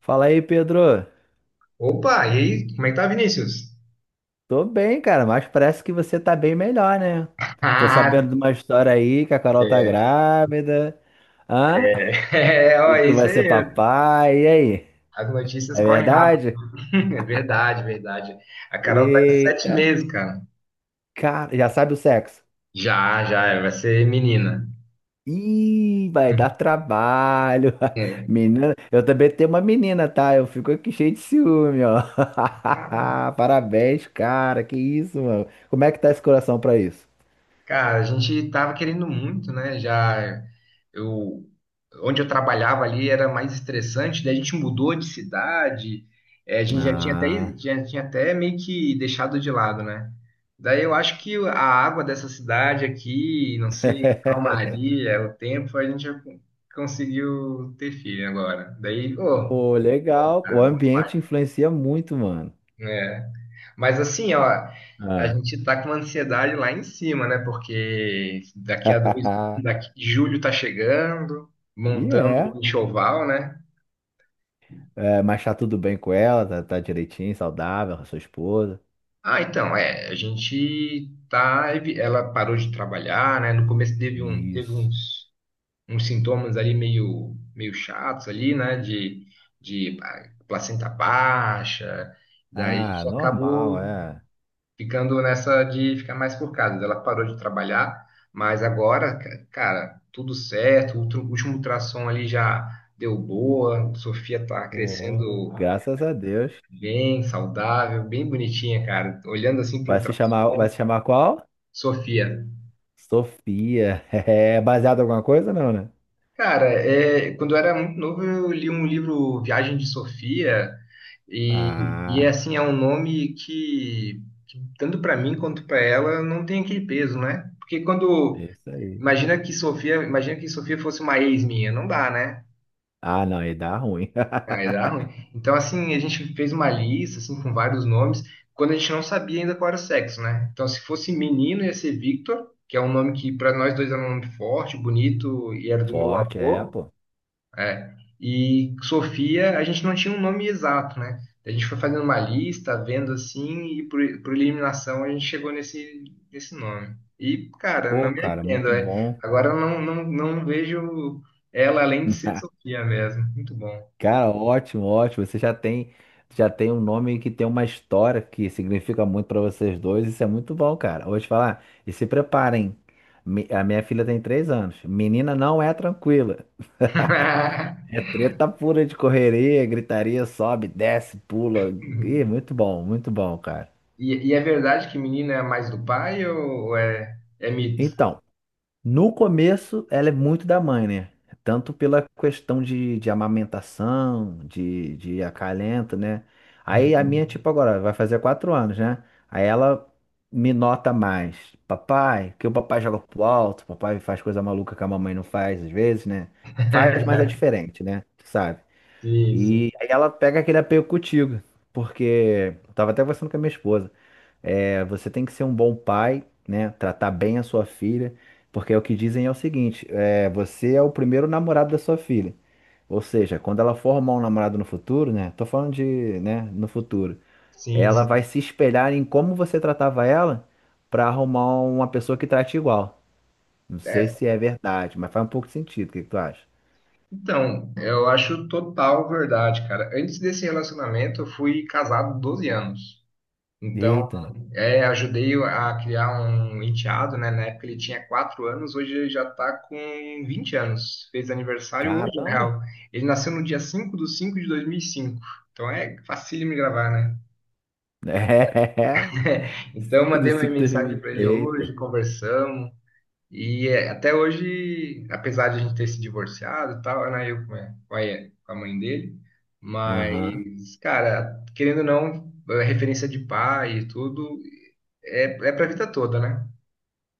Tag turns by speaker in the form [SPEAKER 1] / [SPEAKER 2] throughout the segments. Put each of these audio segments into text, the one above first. [SPEAKER 1] Fala aí, Pedro.
[SPEAKER 2] Opa, e aí, como é que tá, Vinícius?
[SPEAKER 1] Tô bem, cara, mas parece que você tá bem melhor, né? Tô
[SPEAKER 2] Ah,
[SPEAKER 1] sabendo de uma história aí que a Carol tá grávida. Hã?
[SPEAKER 2] é, ó,
[SPEAKER 1] E
[SPEAKER 2] é
[SPEAKER 1] tu
[SPEAKER 2] isso
[SPEAKER 1] vai ser
[SPEAKER 2] aí.
[SPEAKER 1] papai. E aí?
[SPEAKER 2] As notícias
[SPEAKER 1] É
[SPEAKER 2] correm rápido.
[SPEAKER 1] verdade?
[SPEAKER 2] É verdade, verdade. A Carol tá de sete
[SPEAKER 1] Eita.
[SPEAKER 2] meses, cara.
[SPEAKER 1] Cara, já sabe o sexo.
[SPEAKER 2] Já, já, vai ser menina.
[SPEAKER 1] Ih, vai dar trabalho. Menina, eu também tenho uma menina, tá? Eu fico aqui cheio de ciúme, ó.
[SPEAKER 2] É.
[SPEAKER 1] Parabéns, cara. Que isso, mano. Como é que tá esse coração pra isso?
[SPEAKER 2] Cara, a gente tava querendo muito, né? Já eu Onde eu trabalhava ali era mais estressante, daí a gente mudou de cidade, a gente já tinha até
[SPEAKER 1] Ah.
[SPEAKER 2] meio que deixado de lado, né? Daí eu acho que a água dessa cidade aqui, não sei, a calmaria, o tempo, a gente já conseguiu ter filho agora. Daí, ô,
[SPEAKER 1] Pô, legal.
[SPEAKER 2] cara,
[SPEAKER 1] O
[SPEAKER 2] bom demais.
[SPEAKER 1] ambiente influencia muito, mano.
[SPEAKER 2] Né? Mas assim, ó, a
[SPEAKER 1] Ah.
[SPEAKER 2] gente tá com uma ansiedade lá em cima, né? Porque daqui a dois, daqui, julho tá chegando,
[SPEAKER 1] E
[SPEAKER 2] montando
[SPEAKER 1] é.
[SPEAKER 2] o enxoval, né?
[SPEAKER 1] É, mas tá tudo bem com ela, tá, tá direitinho, saudável, com a sua esposa.
[SPEAKER 2] Ah, então, é, a gente tá, evi- ela parou de trabalhar, né? No começo teve
[SPEAKER 1] Isso.
[SPEAKER 2] uns, uns sintomas ali meio, meio chatos ali, né? De placenta baixa, daí
[SPEAKER 1] Ah,
[SPEAKER 2] isso
[SPEAKER 1] normal,
[SPEAKER 2] acabou
[SPEAKER 1] é.
[SPEAKER 2] ficando nessa de ficar mais por casa. Ela parou de trabalhar, mas agora, cara, tudo certo. O último ultrassom ali já deu boa. Sofia tá
[SPEAKER 1] Pô,
[SPEAKER 2] crescendo
[SPEAKER 1] graças a Deus.
[SPEAKER 2] bem, saudável, bem bonitinha, cara. Olhando assim pro
[SPEAKER 1] Vai se chamar, vai
[SPEAKER 2] ultrassom,
[SPEAKER 1] se chamar qual?
[SPEAKER 2] Sofia.
[SPEAKER 1] Sofia. É baseado em alguma coisa, não, né?
[SPEAKER 2] Cara, é, quando eu era muito novo, eu li um livro Viagem de Sofia e, e é
[SPEAKER 1] Ah,
[SPEAKER 2] assim, é um nome que tanto para mim quanto para ela não tem aquele peso, né? Porque quando
[SPEAKER 1] é isso aí.
[SPEAKER 2] imagina que Sofia, imagina que Sofia fosse uma ex minha, não dá, né?
[SPEAKER 1] Ah, não, aí dá ruim.
[SPEAKER 2] Aí dá ruim. Então, assim, a gente fez uma lista, assim, com vários nomes, quando a gente não sabia ainda qual era o sexo, né? Então, se fosse menino, ia ser Victor, que é um nome que para nós dois era um nome forte, bonito, e era do meu
[SPEAKER 1] Forte, é,
[SPEAKER 2] avô.
[SPEAKER 1] pô.
[SPEAKER 2] É. E Sofia, a gente não tinha um nome exato, né? A gente foi fazendo uma lista, vendo assim, e por eliminação a gente chegou nesse, nesse nome. E, cara,
[SPEAKER 1] Pô,
[SPEAKER 2] não me
[SPEAKER 1] cara,
[SPEAKER 2] arrependo,
[SPEAKER 1] muito
[SPEAKER 2] é.
[SPEAKER 1] bom.
[SPEAKER 2] Agora eu não, não, não vejo ela além de ser Sofia mesmo. Muito bom.
[SPEAKER 1] Cara, ótimo, ótimo. Você já tem um nome que tem uma história que significa muito pra vocês dois. Isso é muito bom, cara. Vou te falar, e se preparem. A minha filha tem 3 anos. Menina não é tranquila. É treta pura de correria, gritaria, sobe, desce, pula. Ih, muito bom, cara.
[SPEAKER 2] E, e é verdade que menina é mais do pai ou é, é mito?
[SPEAKER 1] Então, no começo, ela é muito da mãe, né? Tanto pela questão de amamentação, de acalento, né? Aí a minha,
[SPEAKER 2] Hum.
[SPEAKER 1] tipo, agora vai fazer 4 anos, né? Aí ela me nota mais. Papai, que o papai joga pro alto, papai faz coisa maluca que a mamãe não faz às vezes, né? Faz, mas é diferente, né? Tu sabe?
[SPEAKER 2] Sim, sim.
[SPEAKER 1] E aí ela pega aquele apego contigo, porque eu tava até conversando com a minha esposa. É, você tem que ser um bom pai, né? Tratar bem a sua filha, porque é o que dizem é o seguinte: é, você é o primeiro namorado da sua filha. Ou seja, quando ela for arrumar um namorado no futuro, né? Tô falando de, né, no futuro.
[SPEAKER 2] Sim,
[SPEAKER 1] Ela vai
[SPEAKER 2] sim.
[SPEAKER 1] se espelhar em como você tratava ela para arrumar uma pessoa que trate igual. Não sei
[SPEAKER 2] É,
[SPEAKER 1] se é verdade, mas faz um pouco de sentido. O que que tu acha?
[SPEAKER 2] então, eu acho total verdade, cara. Antes desse relacionamento, eu fui casado 12 anos. Então,
[SPEAKER 1] Eita,
[SPEAKER 2] é, ajudei a criar um enteado, né? Na época ele tinha 4 anos, hoje ele já tá com 20 anos. Fez aniversário hoje, na
[SPEAKER 1] caramba!
[SPEAKER 2] real. Ele nasceu no dia 5 de 5 de 2005. Então, é facílimo de gravar, né?
[SPEAKER 1] É.
[SPEAKER 2] Então, eu
[SPEAKER 1] 5 do
[SPEAKER 2] mandei uma
[SPEAKER 1] 5 do
[SPEAKER 2] mensagem
[SPEAKER 1] 2020.
[SPEAKER 2] para ele
[SPEAKER 1] Eita.
[SPEAKER 2] hoje, conversamos. E é, até hoje, apesar de a gente ter se divorciado e tal, era eu com a mãe dele,
[SPEAKER 1] Aham.
[SPEAKER 2] mas, cara, querendo ou não, a referência de pai e tudo é, é pra vida toda, né?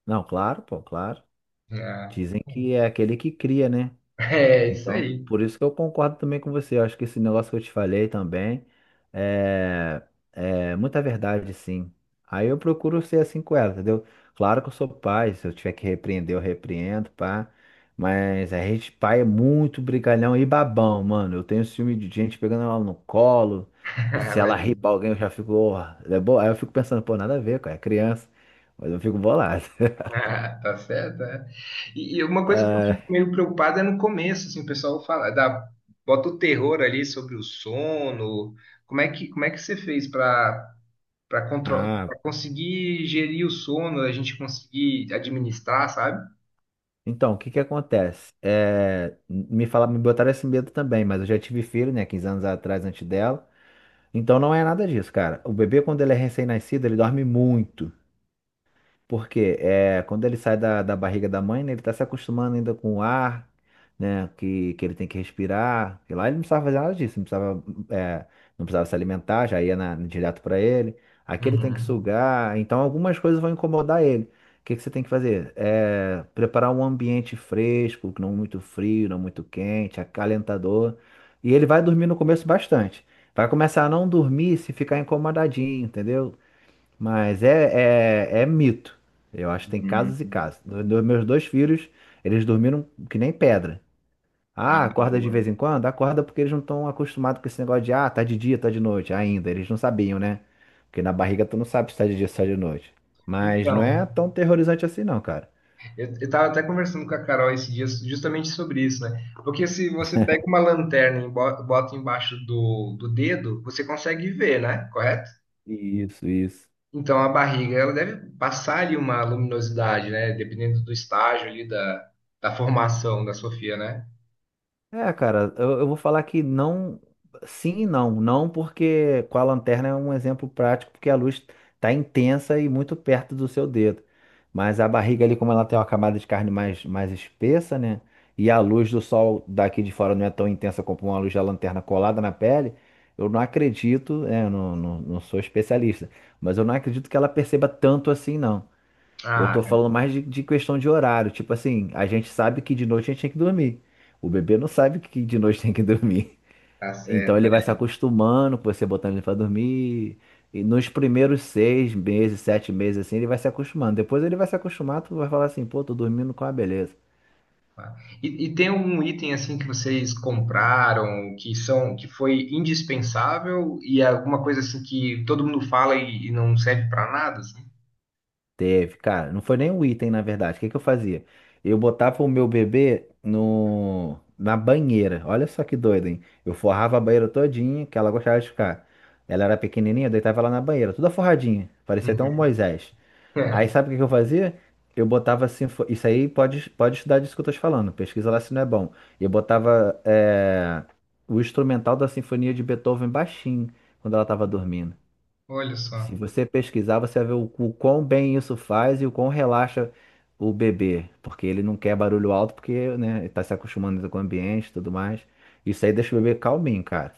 [SPEAKER 1] Não, claro, pô, claro.
[SPEAKER 2] É,
[SPEAKER 1] Dizem que é aquele que cria, né?
[SPEAKER 2] é isso
[SPEAKER 1] Então,
[SPEAKER 2] aí.
[SPEAKER 1] por isso que eu concordo também com você. Eu acho que esse negócio que eu te falei também é, é muita verdade, sim. Aí eu procuro ser assim com ela, entendeu? Claro que eu sou pai, se eu tiver que repreender, eu repreendo, pá. Mas a gente, pai, é muito brigalhão e babão, mano. Eu tenho ciúme de gente pegando ela no colo. E se ela rir pra
[SPEAKER 2] Imagina.
[SPEAKER 1] alguém, eu já fico, "Ó, é boa. Aí eu fico pensando, pô, nada a ver, cara, é criança. Mas eu fico bolado.
[SPEAKER 2] Ah, tá certo, é. E uma coisa que eu fico meio preocupado é no começo, assim, o pessoal fala, dá, bota o terror ali sobre o sono. Como é que você fez para
[SPEAKER 1] Ah,
[SPEAKER 2] para conseguir gerir o sono, a gente conseguir administrar, sabe?
[SPEAKER 1] então, o que que acontece? É, me fala, me botaram esse medo também, mas eu já tive filho, né, 15 anos atrás, antes dela. Então não é nada disso, cara. O bebê, quando ele é recém-nascido, ele dorme muito. Porque é, quando ele sai da barriga da mãe, né, ele está se acostumando ainda com o ar, né, que ele tem que respirar. E lá ele não precisava fazer nada disso, é, não precisava se alimentar, já ia direto para ele. Aqui ele tem que
[SPEAKER 2] Uhum.
[SPEAKER 1] sugar, então algumas coisas vão incomodar ele. O que, que você tem que fazer? É, preparar um ambiente fresco, não muito frio, não muito quente, acalentador. E ele vai dormir no começo bastante. Vai começar a não dormir se ficar incomodadinho, entendeu? Mas é mito. Eu acho que tem
[SPEAKER 2] Hum.
[SPEAKER 1] casos e casos. Meus dois filhos, eles dormiram que nem pedra.
[SPEAKER 2] Ah,
[SPEAKER 1] Ah, acorda de vez
[SPEAKER 2] boa.
[SPEAKER 1] em quando? Acorda porque eles não estão acostumados com esse negócio de tá de dia, tá de noite ainda. Eles não sabiam, né? Porque na barriga tu não sabe se tá de dia ou se tá de noite. Mas não é
[SPEAKER 2] Então,
[SPEAKER 1] tão terrorizante assim, não, cara.
[SPEAKER 2] eu tava até conversando com a Carol esses dias justamente sobre isso, né? Porque se você pega uma lanterna e bota embaixo do, do dedo, você consegue ver, né? Correto?
[SPEAKER 1] Isso, isso.
[SPEAKER 2] Então a barriga, ela deve passar ali uma luminosidade, né? Dependendo do estágio ali da, da formação da Sofia, né?
[SPEAKER 1] É, cara, eu vou falar que não, sim e não. Não porque com a lanterna é um exemplo prático, porque a luz tá intensa e muito perto do seu dedo. Mas a barriga ali, como ela tem uma camada de carne mais, mais espessa, né? E a luz do sol daqui de fora não é tão intensa como uma luz da lanterna colada na pele. Eu não acredito, é, eu não, não, não sou especialista, mas eu não acredito que ela perceba tanto assim, não. Eu tô
[SPEAKER 2] Ah,
[SPEAKER 1] falando mais de questão de horário. Tipo assim, a gente sabe que de noite a gente tem que dormir. O bebê não sabe que de noite tem que dormir.
[SPEAKER 2] tá
[SPEAKER 1] Então
[SPEAKER 2] certo.
[SPEAKER 1] ele vai se acostumando com você botando ele pra dormir. E nos primeiros 6 meses, 7 meses, assim, ele vai se acostumando. Depois ele vai se acostumar, tu vai falar assim, pô, tô dormindo com a beleza.
[SPEAKER 2] Tá? E tem um item assim que vocês compraram que são que foi indispensável e é alguma coisa assim que todo mundo fala e não serve para nada, assim?
[SPEAKER 1] Teve, cara, não foi nem um item, na verdade. O que que eu fazia? Eu botava o meu bebê no, na banheira. Olha só que doido, hein? Eu forrava a banheira todinha, que ela gostava de ficar. Ela era pequenininha, eu deitava ela na banheira, toda forradinha. Parecia até um
[SPEAKER 2] Uhum.
[SPEAKER 1] Moisés. Aí
[SPEAKER 2] É,
[SPEAKER 1] sabe o que que eu fazia? Eu botava assim, isso aí pode, estudar disso que eu tô te falando, pesquisa lá se não é bom. Eu botava o instrumental da Sinfonia de Beethoven baixinho, quando ela tava dormindo.
[SPEAKER 2] olha
[SPEAKER 1] Se
[SPEAKER 2] só.
[SPEAKER 1] você pesquisar, você vai ver o quão bem isso faz e o quão relaxa o bebê, porque ele não quer barulho alto, porque, né, ele tá se acostumando com o ambiente e tudo mais. Isso aí deixa o bebê calminho, cara.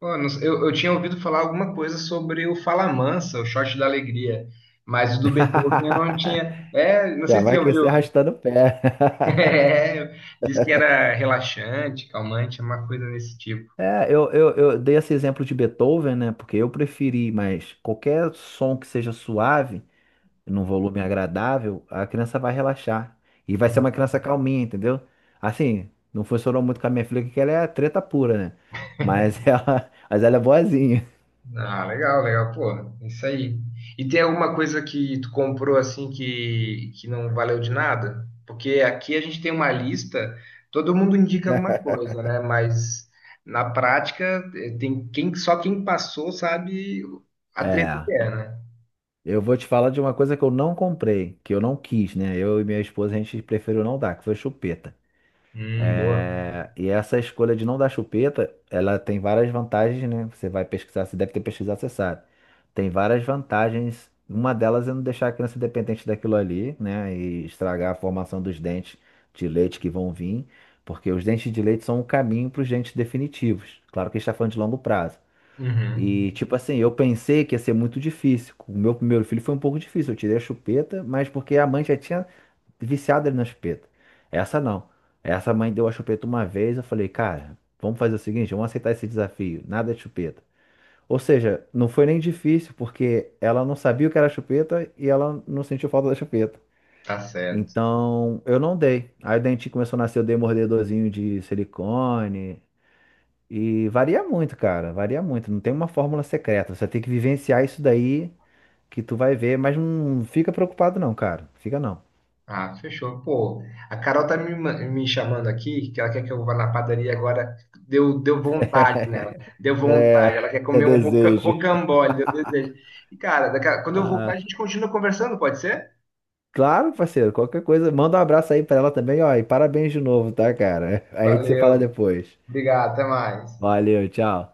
[SPEAKER 2] Pô, não sei, eu tinha ouvido falar alguma coisa sobre o Falamansa, o shot da alegria, mas o do Beethoven eu não tinha. É, não sei
[SPEAKER 1] Já
[SPEAKER 2] se você
[SPEAKER 1] vai
[SPEAKER 2] já
[SPEAKER 1] crescer
[SPEAKER 2] ouviu.
[SPEAKER 1] arrastando o pé.
[SPEAKER 2] É, diz que era relaxante, calmante, uma coisa desse tipo.
[SPEAKER 1] É, eu dei esse exemplo de Beethoven, né? Porque eu preferi, mas qualquer som que seja suave, num volume agradável, a criança vai relaxar. E vai ser uma
[SPEAKER 2] Ah.
[SPEAKER 1] criança calminha, entendeu? Assim, não funcionou muito com a minha filha, porque ela é treta pura, né? Mas mas ela é boazinha.
[SPEAKER 2] Ah, legal, legal, pô, isso aí. E tem alguma coisa que tu comprou assim que não valeu de nada? Porque aqui a gente tem uma lista, todo mundo indica alguma coisa, né? Mas na prática tem quem só quem passou sabe a treta que
[SPEAKER 1] É.
[SPEAKER 2] é, né?
[SPEAKER 1] Eu vou te falar de uma coisa que eu não comprei, que eu não quis, né? Eu e minha esposa, a gente preferiu não dar, que foi chupeta.
[SPEAKER 2] Boa.
[SPEAKER 1] É, e essa escolha de não dar chupeta, ela tem várias vantagens, né? Você vai pesquisar, você deve ter pesquisado, você sabe. Tem várias vantagens. Uma delas é não deixar a criança dependente daquilo ali, né? E estragar a formação dos dentes de leite que vão vir, porque os dentes de leite são o caminho para os dentes definitivos. Claro que a gente está falando de longo prazo.
[SPEAKER 2] Uhum,
[SPEAKER 1] E, tipo assim, eu pensei que ia ser muito difícil. O meu primeiro filho foi um pouco difícil. Eu tirei a chupeta, mas porque a mãe já tinha viciado ali na chupeta. Essa não. Essa mãe deu a chupeta uma vez, eu falei, cara, vamos fazer o seguinte, vamos aceitar esse desafio, nada de chupeta. Ou seja, não foi nem difícil, porque ela não sabia o que era chupeta e ela não sentiu falta da chupeta.
[SPEAKER 2] tá certo.
[SPEAKER 1] Então, eu não dei. Aí o dentinho começou a nascer, eu dei mordedorzinho de silicone. E varia muito, cara, varia muito. Não tem uma fórmula secreta. Você tem que vivenciar isso daí que tu vai ver, mas não fica preocupado não, cara. Fica não.
[SPEAKER 2] Ah, fechou. Pô, a Carol tá me chamando aqui, que ela quer que eu vá na padaria agora. Deu, deu vontade nela. Deu vontade.
[SPEAKER 1] É,
[SPEAKER 2] Ela quer
[SPEAKER 1] é
[SPEAKER 2] comer um
[SPEAKER 1] desejo.
[SPEAKER 2] rocambole, deu desejo. E, cara, quando eu voltar, a
[SPEAKER 1] Ah,
[SPEAKER 2] gente continua conversando, pode ser?
[SPEAKER 1] claro, parceiro, qualquer coisa, manda um abraço aí pra ela também, ó, e parabéns de novo, tá, cara? Aí você fala
[SPEAKER 2] Valeu,
[SPEAKER 1] depois.
[SPEAKER 2] obrigado, até mais.
[SPEAKER 1] Valeu, tchau.